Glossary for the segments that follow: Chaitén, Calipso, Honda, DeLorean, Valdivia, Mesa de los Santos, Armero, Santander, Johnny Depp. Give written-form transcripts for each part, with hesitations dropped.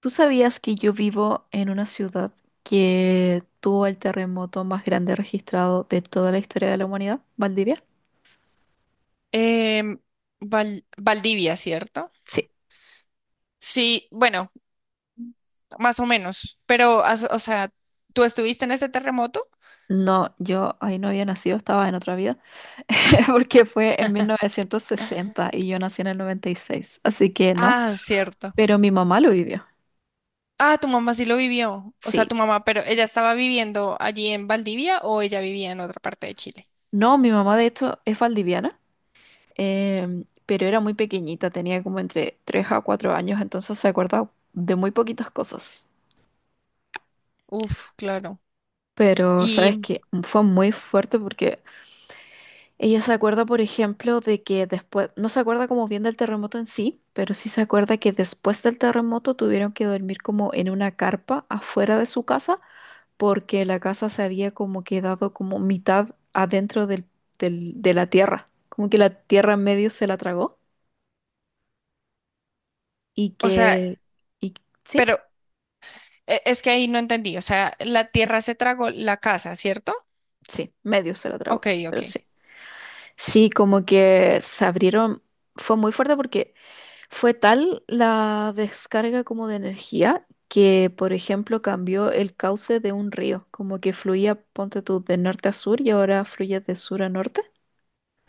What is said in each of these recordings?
¿Tú sabías que yo vivo en una ciudad que tuvo el terremoto más grande registrado de toda la historia de la humanidad? ¿Valdivia? Em, Valdivia, ¿cierto? Sí. Sí, bueno, más o menos, pero, o sea, ¿tú estuviste en este terremoto? No, yo ahí no había nacido, estaba en otra vida, porque fue en 1960 y yo nací en el 96, así que no, Ah, cierto. pero mi mamá lo vivió. Ah, tu mamá sí lo vivió, o sea, Sí. tu mamá, pero ¿ella estaba viviendo allí en Valdivia o ella vivía en otra parte de Chile? No, mi mamá de hecho es valdiviana, pero era muy pequeñita, tenía como entre 3 a 4 años, entonces se acuerda de muy poquitas cosas. Uf, claro. Pero sabes Y, que fue muy fuerte porque ella se acuerda, por ejemplo, de que después, no se acuerda como bien del terremoto en sí, pero sí se acuerda que después del terremoto tuvieron que dormir como en una carpa afuera de su casa, porque la casa se había como quedado como mitad adentro de la tierra, como que la tierra en medio se la tragó y o sea, que, y, sí, pero es que ahí no entendí, o sea, la tierra se tragó la casa, ¿cierto? sí, medio se la tragó, Ok, ok. pero sí. Sí, como que se abrieron, fue muy fuerte porque... Fue tal la descarga como de energía que, por ejemplo, cambió el cauce de un río, como que fluía, ponte tú, de norte a sur y ahora fluye de sur a norte.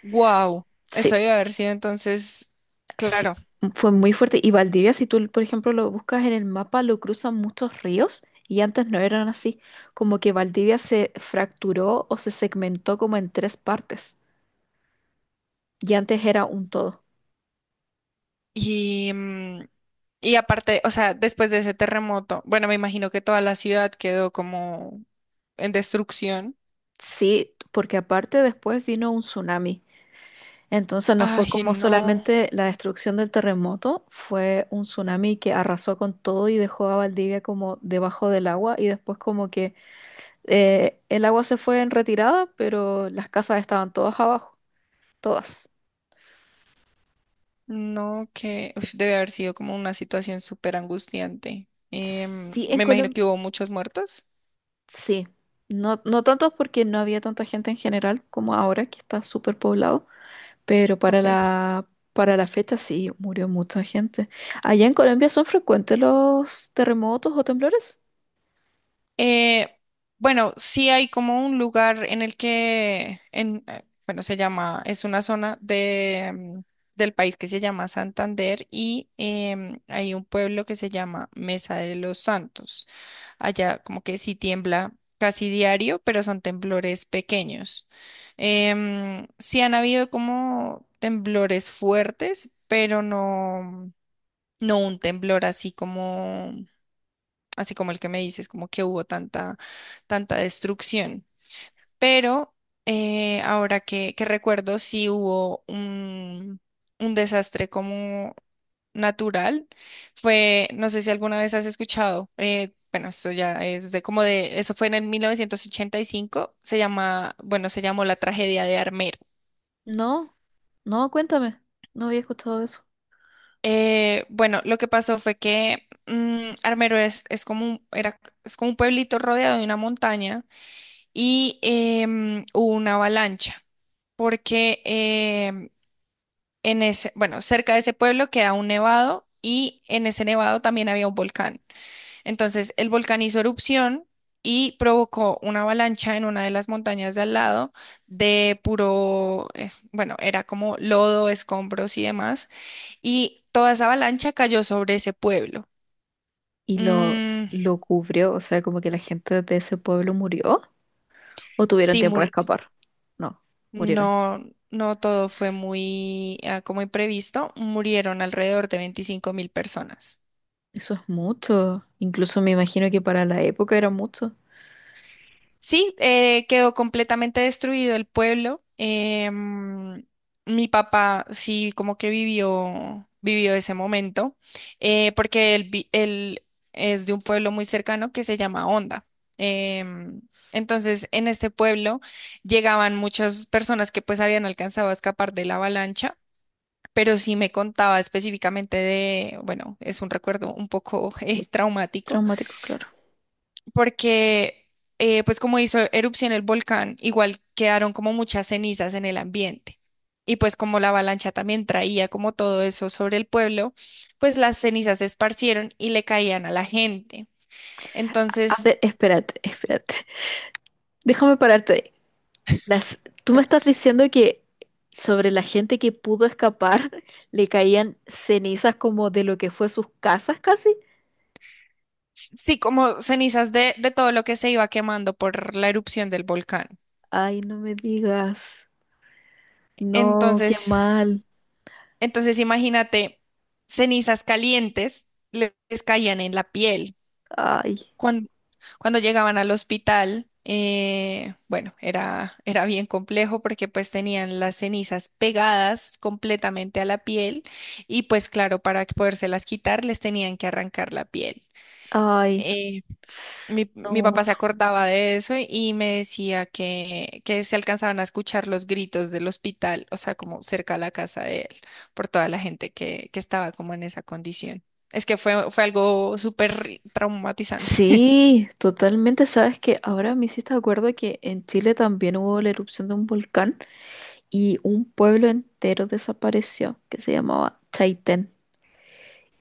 Wow, Sí, eso debe haber sido entonces, sí, claro. fue muy fuerte. Y Valdivia, si tú, por ejemplo, lo buscas en el mapa, lo cruzan muchos ríos y antes no eran así, como que Valdivia se fracturó o se segmentó como en tres partes y antes era un todo. Y, y aparte, o sea, después de ese terremoto, bueno, me imagino que toda la ciudad quedó como en destrucción. Sí, porque aparte después vino un tsunami. Entonces no fue Ay, como no, solamente la destrucción del terremoto, fue un tsunami que arrasó con todo y dejó a Valdivia como debajo del agua y después como que el agua se fue en retirada, pero las casas estaban todas abajo, todas. no, que uf, debe haber sido como una situación súper angustiante. Sí, en Me imagino que Colombia, hubo muchos muertos. sí. No, no tanto porque no había tanta gente en general como ahora, que está súper poblado, pero para Ok. La fecha sí, murió mucha gente. ¿Allá en Colombia son frecuentes los terremotos o temblores? Eh, bueno, sí hay como un lugar en el que, en, bueno, se llama, es una zona de, del país que se llama Santander y hay un pueblo que se llama Mesa de los Santos. Allá como que sí tiembla casi diario, pero son temblores pequeños. Sí han habido como temblores fuertes, pero no, no un temblor así como el que me dices, como que hubo tanta, tanta destrucción. Pero ahora que recuerdo, sí hubo un desastre como natural. Fue, no sé si alguna vez has escuchado, bueno, eso ya es de como de, eso fue en el 1985, se llama, bueno, se llamó la tragedia de Armero. No, no, cuéntame. No había escuchado de eso. Bueno, lo que pasó fue que Armero es como era, es como un pueblito rodeado de una montaña y hubo una avalancha, porque en ese, bueno, cerca de ese pueblo queda un nevado y en ese nevado también había un volcán. Entonces el volcán hizo erupción y provocó una avalancha en una de las montañas de al lado de puro, bueno, era como lodo, escombros y demás, y toda esa avalancha cayó sobre ese pueblo. ¿Y Mm, lo cubrió? O sea, como que la gente de ese pueblo murió o tuvieron sí, tiempo de escapar. No, murieron. No, no todo fue muy ah, como imprevisto. Murieron alrededor de 25.000 personas. Eso es mucho. Incluso me imagino que para la época era mucho. Sí, quedó completamente destruido el pueblo. Mi papá sí como que vivió ese momento, porque él, él es de un pueblo muy cercano que se llama Honda. Em, entonces, en este pueblo llegaban muchas personas que pues habían alcanzado a escapar de la avalancha pero sí me contaba específicamente de, bueno, es un recuerdo un poco traumático, Traumático, claro. porque pues como hizo erupción el volcán, igual quedaron como muchas cenizas en el ambiente. Y pues como la avalancha también traía como todo eso sobre el pueblo, pues las cenizas se esparcieron y le caían a la gente. A Entonces, ver, espérate, espérate. Déjame pararte ahí. Las, tú me estás diciendo que sobre la gente que pudo escapar le caían cenizas como de lo que fue sus casas casi. Sí, como cenizas de todo lo que se iba quemando por la erupción del volcán. Ay, no me digas. No, qué Entonces, mal. Entonces, imagínate, cenizas calientes les caían en la piel. Ay, Cuando, cuando llegaban al hospital, bueno, era bien complejo porque pues tenían las cenizas pegadas completamente a la piel y pues claro, para poderse las quitar les tenían que arrancar la piel. ay, Eh, mi no. papá se acordaba de eso y me decía que se alcanzaban a escuchar los gritos del hospital, o sea, como cerca a la casa de él, por toda la gente que estaba como en esa condición. Es que fue algo S- súper traumatizante. Sí, totalmente. Sabes que ahora me hiciste acuerdo que en Chile también hubo la erupción de un volcán y un pueblo entero desapareció que se llamaba Chaitén.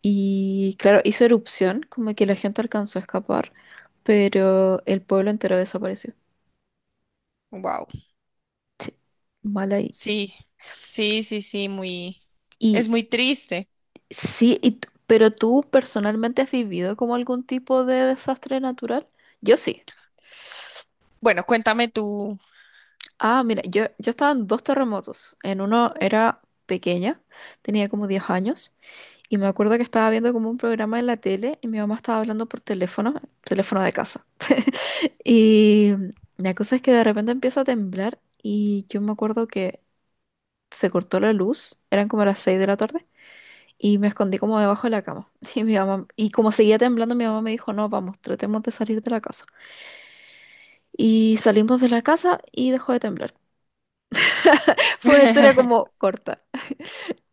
Y claro, hizo erupción, como que la gente alcanzó a escapar, pero el pueblo entero desapareció. Wow. Mal ahí. Sí, sí, sí, sí, Y es muy s- triste. sí, pero ¿tú personalmente has vivido como algún tipo de desastre natural? Yo sí. Bueno, cuéntame tú. Ah, mira, yo estaba en dos terremotos. En uno era pequeña, tenía como 10 años, y me acuerdo que estaba viendo como un programa en la tele y mi mamá estaba hablando por teléfono, teléfono de casa. Y la cosa es que de repente empieza a temblar y yo me acuerdo que se cortó la luz, eran como las 6 de la tarde, y me escondí como debajo de la cama. Y mi mamá, y como seguía temblando, mi mamá me dijo, no, vamos, tratemos de salir de la casa. Y salimos de la casa y dejó de temblar. Fue una historia como corta.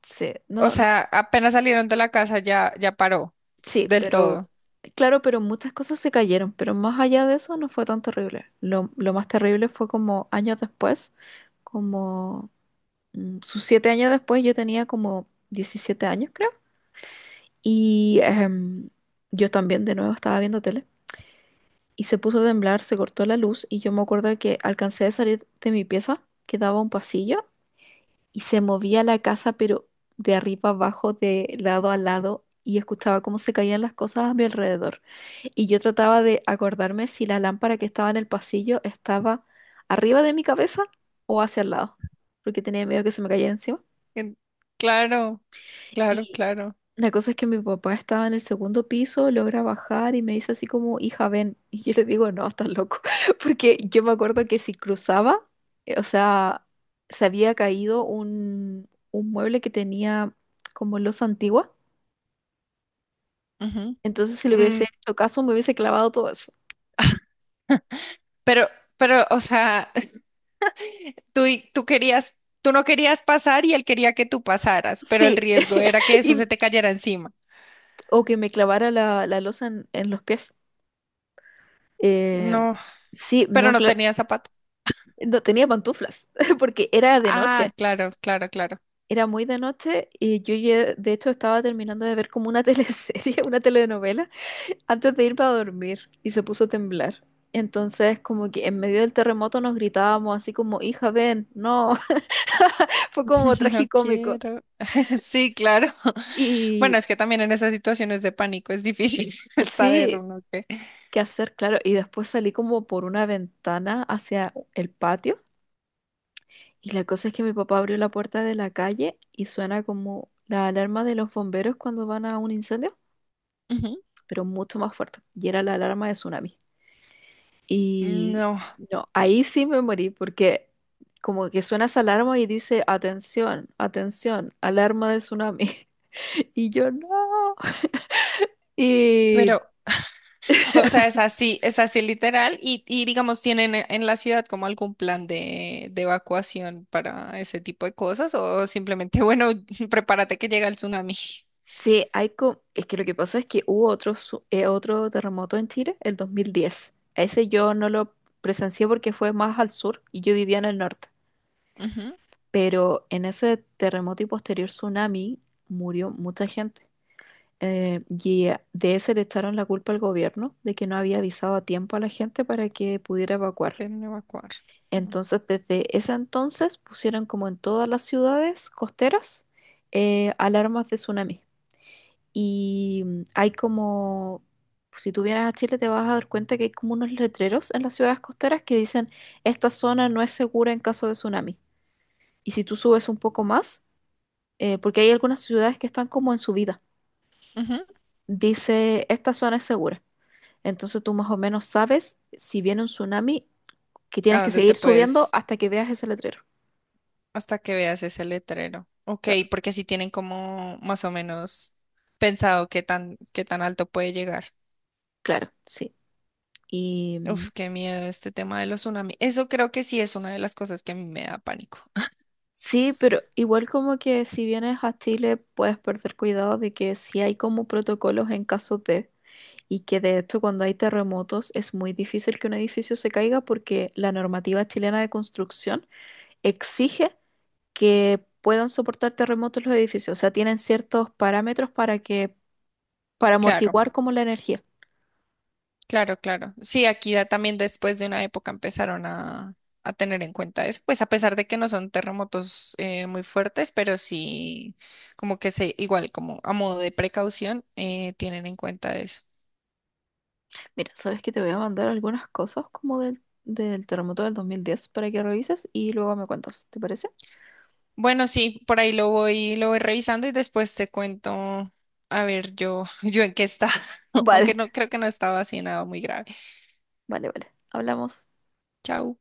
Sí, O no, no, sea, apenas salieron de la casa ya, ya paró sí, del todo. pero claro, pero muchas cosas se cayeron, pero más allá de eso no fue tan terrible. Lo más terrible fue como años después, como sus 7 años después, yo tenía como 17 años, creo, y yo también de nuevo estaba viendo tele y se puso a temblar, se cortó la luz y yo me acuerdo que alcancé a salir de mi pieza, que daba a un pasillo y se movía la casa, pero de arriba abajo, de lado a lado, y escuchaba cómo se caían las cosas a mi alrededor. Y yo trataba de acordarme si la lámpara que estaba en el pasillo estaba arriba de mi cabeza o hacia el lado, porque tenía miedo que se me cayera encima. En- Claro, claro, Y claro. la cosa es que mi papá estaba en el segundo piso, logra bajar y me dice así como, hija, ven. Y yo le digo, no, estás loco. Porque yo me acuerdo que si cruzaba, o sea, se había caído un mueble que tenía como losa antigua. Ujú. Entonces, si le hubiese hecho caso, me hubiese clavado todo eso. Pero, pero, o sea, tú querías, tú no querías pasar y él quería que tú pasaras, pero el Sí. riesgo era que eso Y- se te cayera encima. o que me clavara la losa en los pies. Eh, No, sí, pero no, no claro, tenía zapato. no tenía pantuflas, porque era de Ah, noche. claro, claro, claro. Era muy de noche y yo de hecho estaba terminando de ver como una teleserie, una telenovela, antes de irme a dormir y se puso a temblar. Entonces como que en medio del terremoto nos gritábamos así como, hija, ven, no, fue como No tragicómico. quiero. Sí, claro. Y Bueno, es que también en esas situaciones de pánico es difícil saber sí, uno qué. qué hacer, claro. Y después salí como por una ventana hacia el patio y la cosa es que mi papá abrió la puerta de la calle y suena como la alarma de los bomberos cuando van a un incendio, Ujú. pero mucho más fuerte. Y era la alarma de tsunami. Y No, no, ahí sí me morí porque como que suena esa alarma y dice, atención, atención, alarma de tsunami. Y yo no. Y pero O sea, es así literal y digamos, ¿tienen en la ciudad como algún plan de evacuación para ese tipo de cosas o simplemente, bueno, prepárate que llega el tsunami? sí, hay es que lo que pasa es que hubo otro, otro terremoto en Chile, el 2010. Ese yo no lo presencié porque fue más al sur y yo vivía en el norte. Ujú, Pero en ese terremoto y posterior tsunami murió mucha gente. Y de ese le echaron la culpa al gobierno de que no había avisado a tiempo a la gente para que pudiera evacuar. Ven a evacuar. Mm, Entonces, desde ese entonces pusieron como en todas las ciudades costeras alarmas de tsunami. Y hay como, si tú vienes a Chile te vas a dar cuenta que hay como unos letreros en las ciudades costeras que dicen, esta zona no es segura en caso de tsunami. Y si tú subes un poco más, porque hay algunas ciudades que están como en subida, ujú, dice, esta zona es segura. Entonces tú más o menos sabes si viene un tsunami que tienes ¿A que dónde te seguir subiendo puedes hasta que veas ese letrero. hasta que veas ese letrero? Ok, Claro, porque si tienen como más o menos pensado qué tan alto puede llegar. claro, sí. Y Uf, qué miedo este tema de los tsunamis. Eso creo que sí es una de las cosas que a mí me da pánico. sí, pero igual como que si vienes a Chile puedes perder cuidado de que sí hay como protocolos en caso de, y que de hecho cuando hay terremotos es muy difícil que un edificio se caiga porque la normativa chilena de construcción exige que puedan soportar terremotos los edificios. O sea, tienen ciertos parámetros para que, para Claro. amortiguar como la energía. Claro, claro. Sí, aquí ya también después de una época empezaron a tener en cuenta eso, pues a pesar de que no son terremotos muy fuertes, pero sí como que se, igual como a modo de precaución, tienen en cuenta eso. Mira, sabes que te voy a mandar algunas cosas como del terremoto del 2010 para que revises y luego me cuentas, ¿te parece? Bueno, sí, por ahí lo voy revisando y después te cuento, a ver, yo, yo en qué estaba, aunque Vale, no creo que no estaba así nada muy grave. vale, vale. Hablamos. Chao.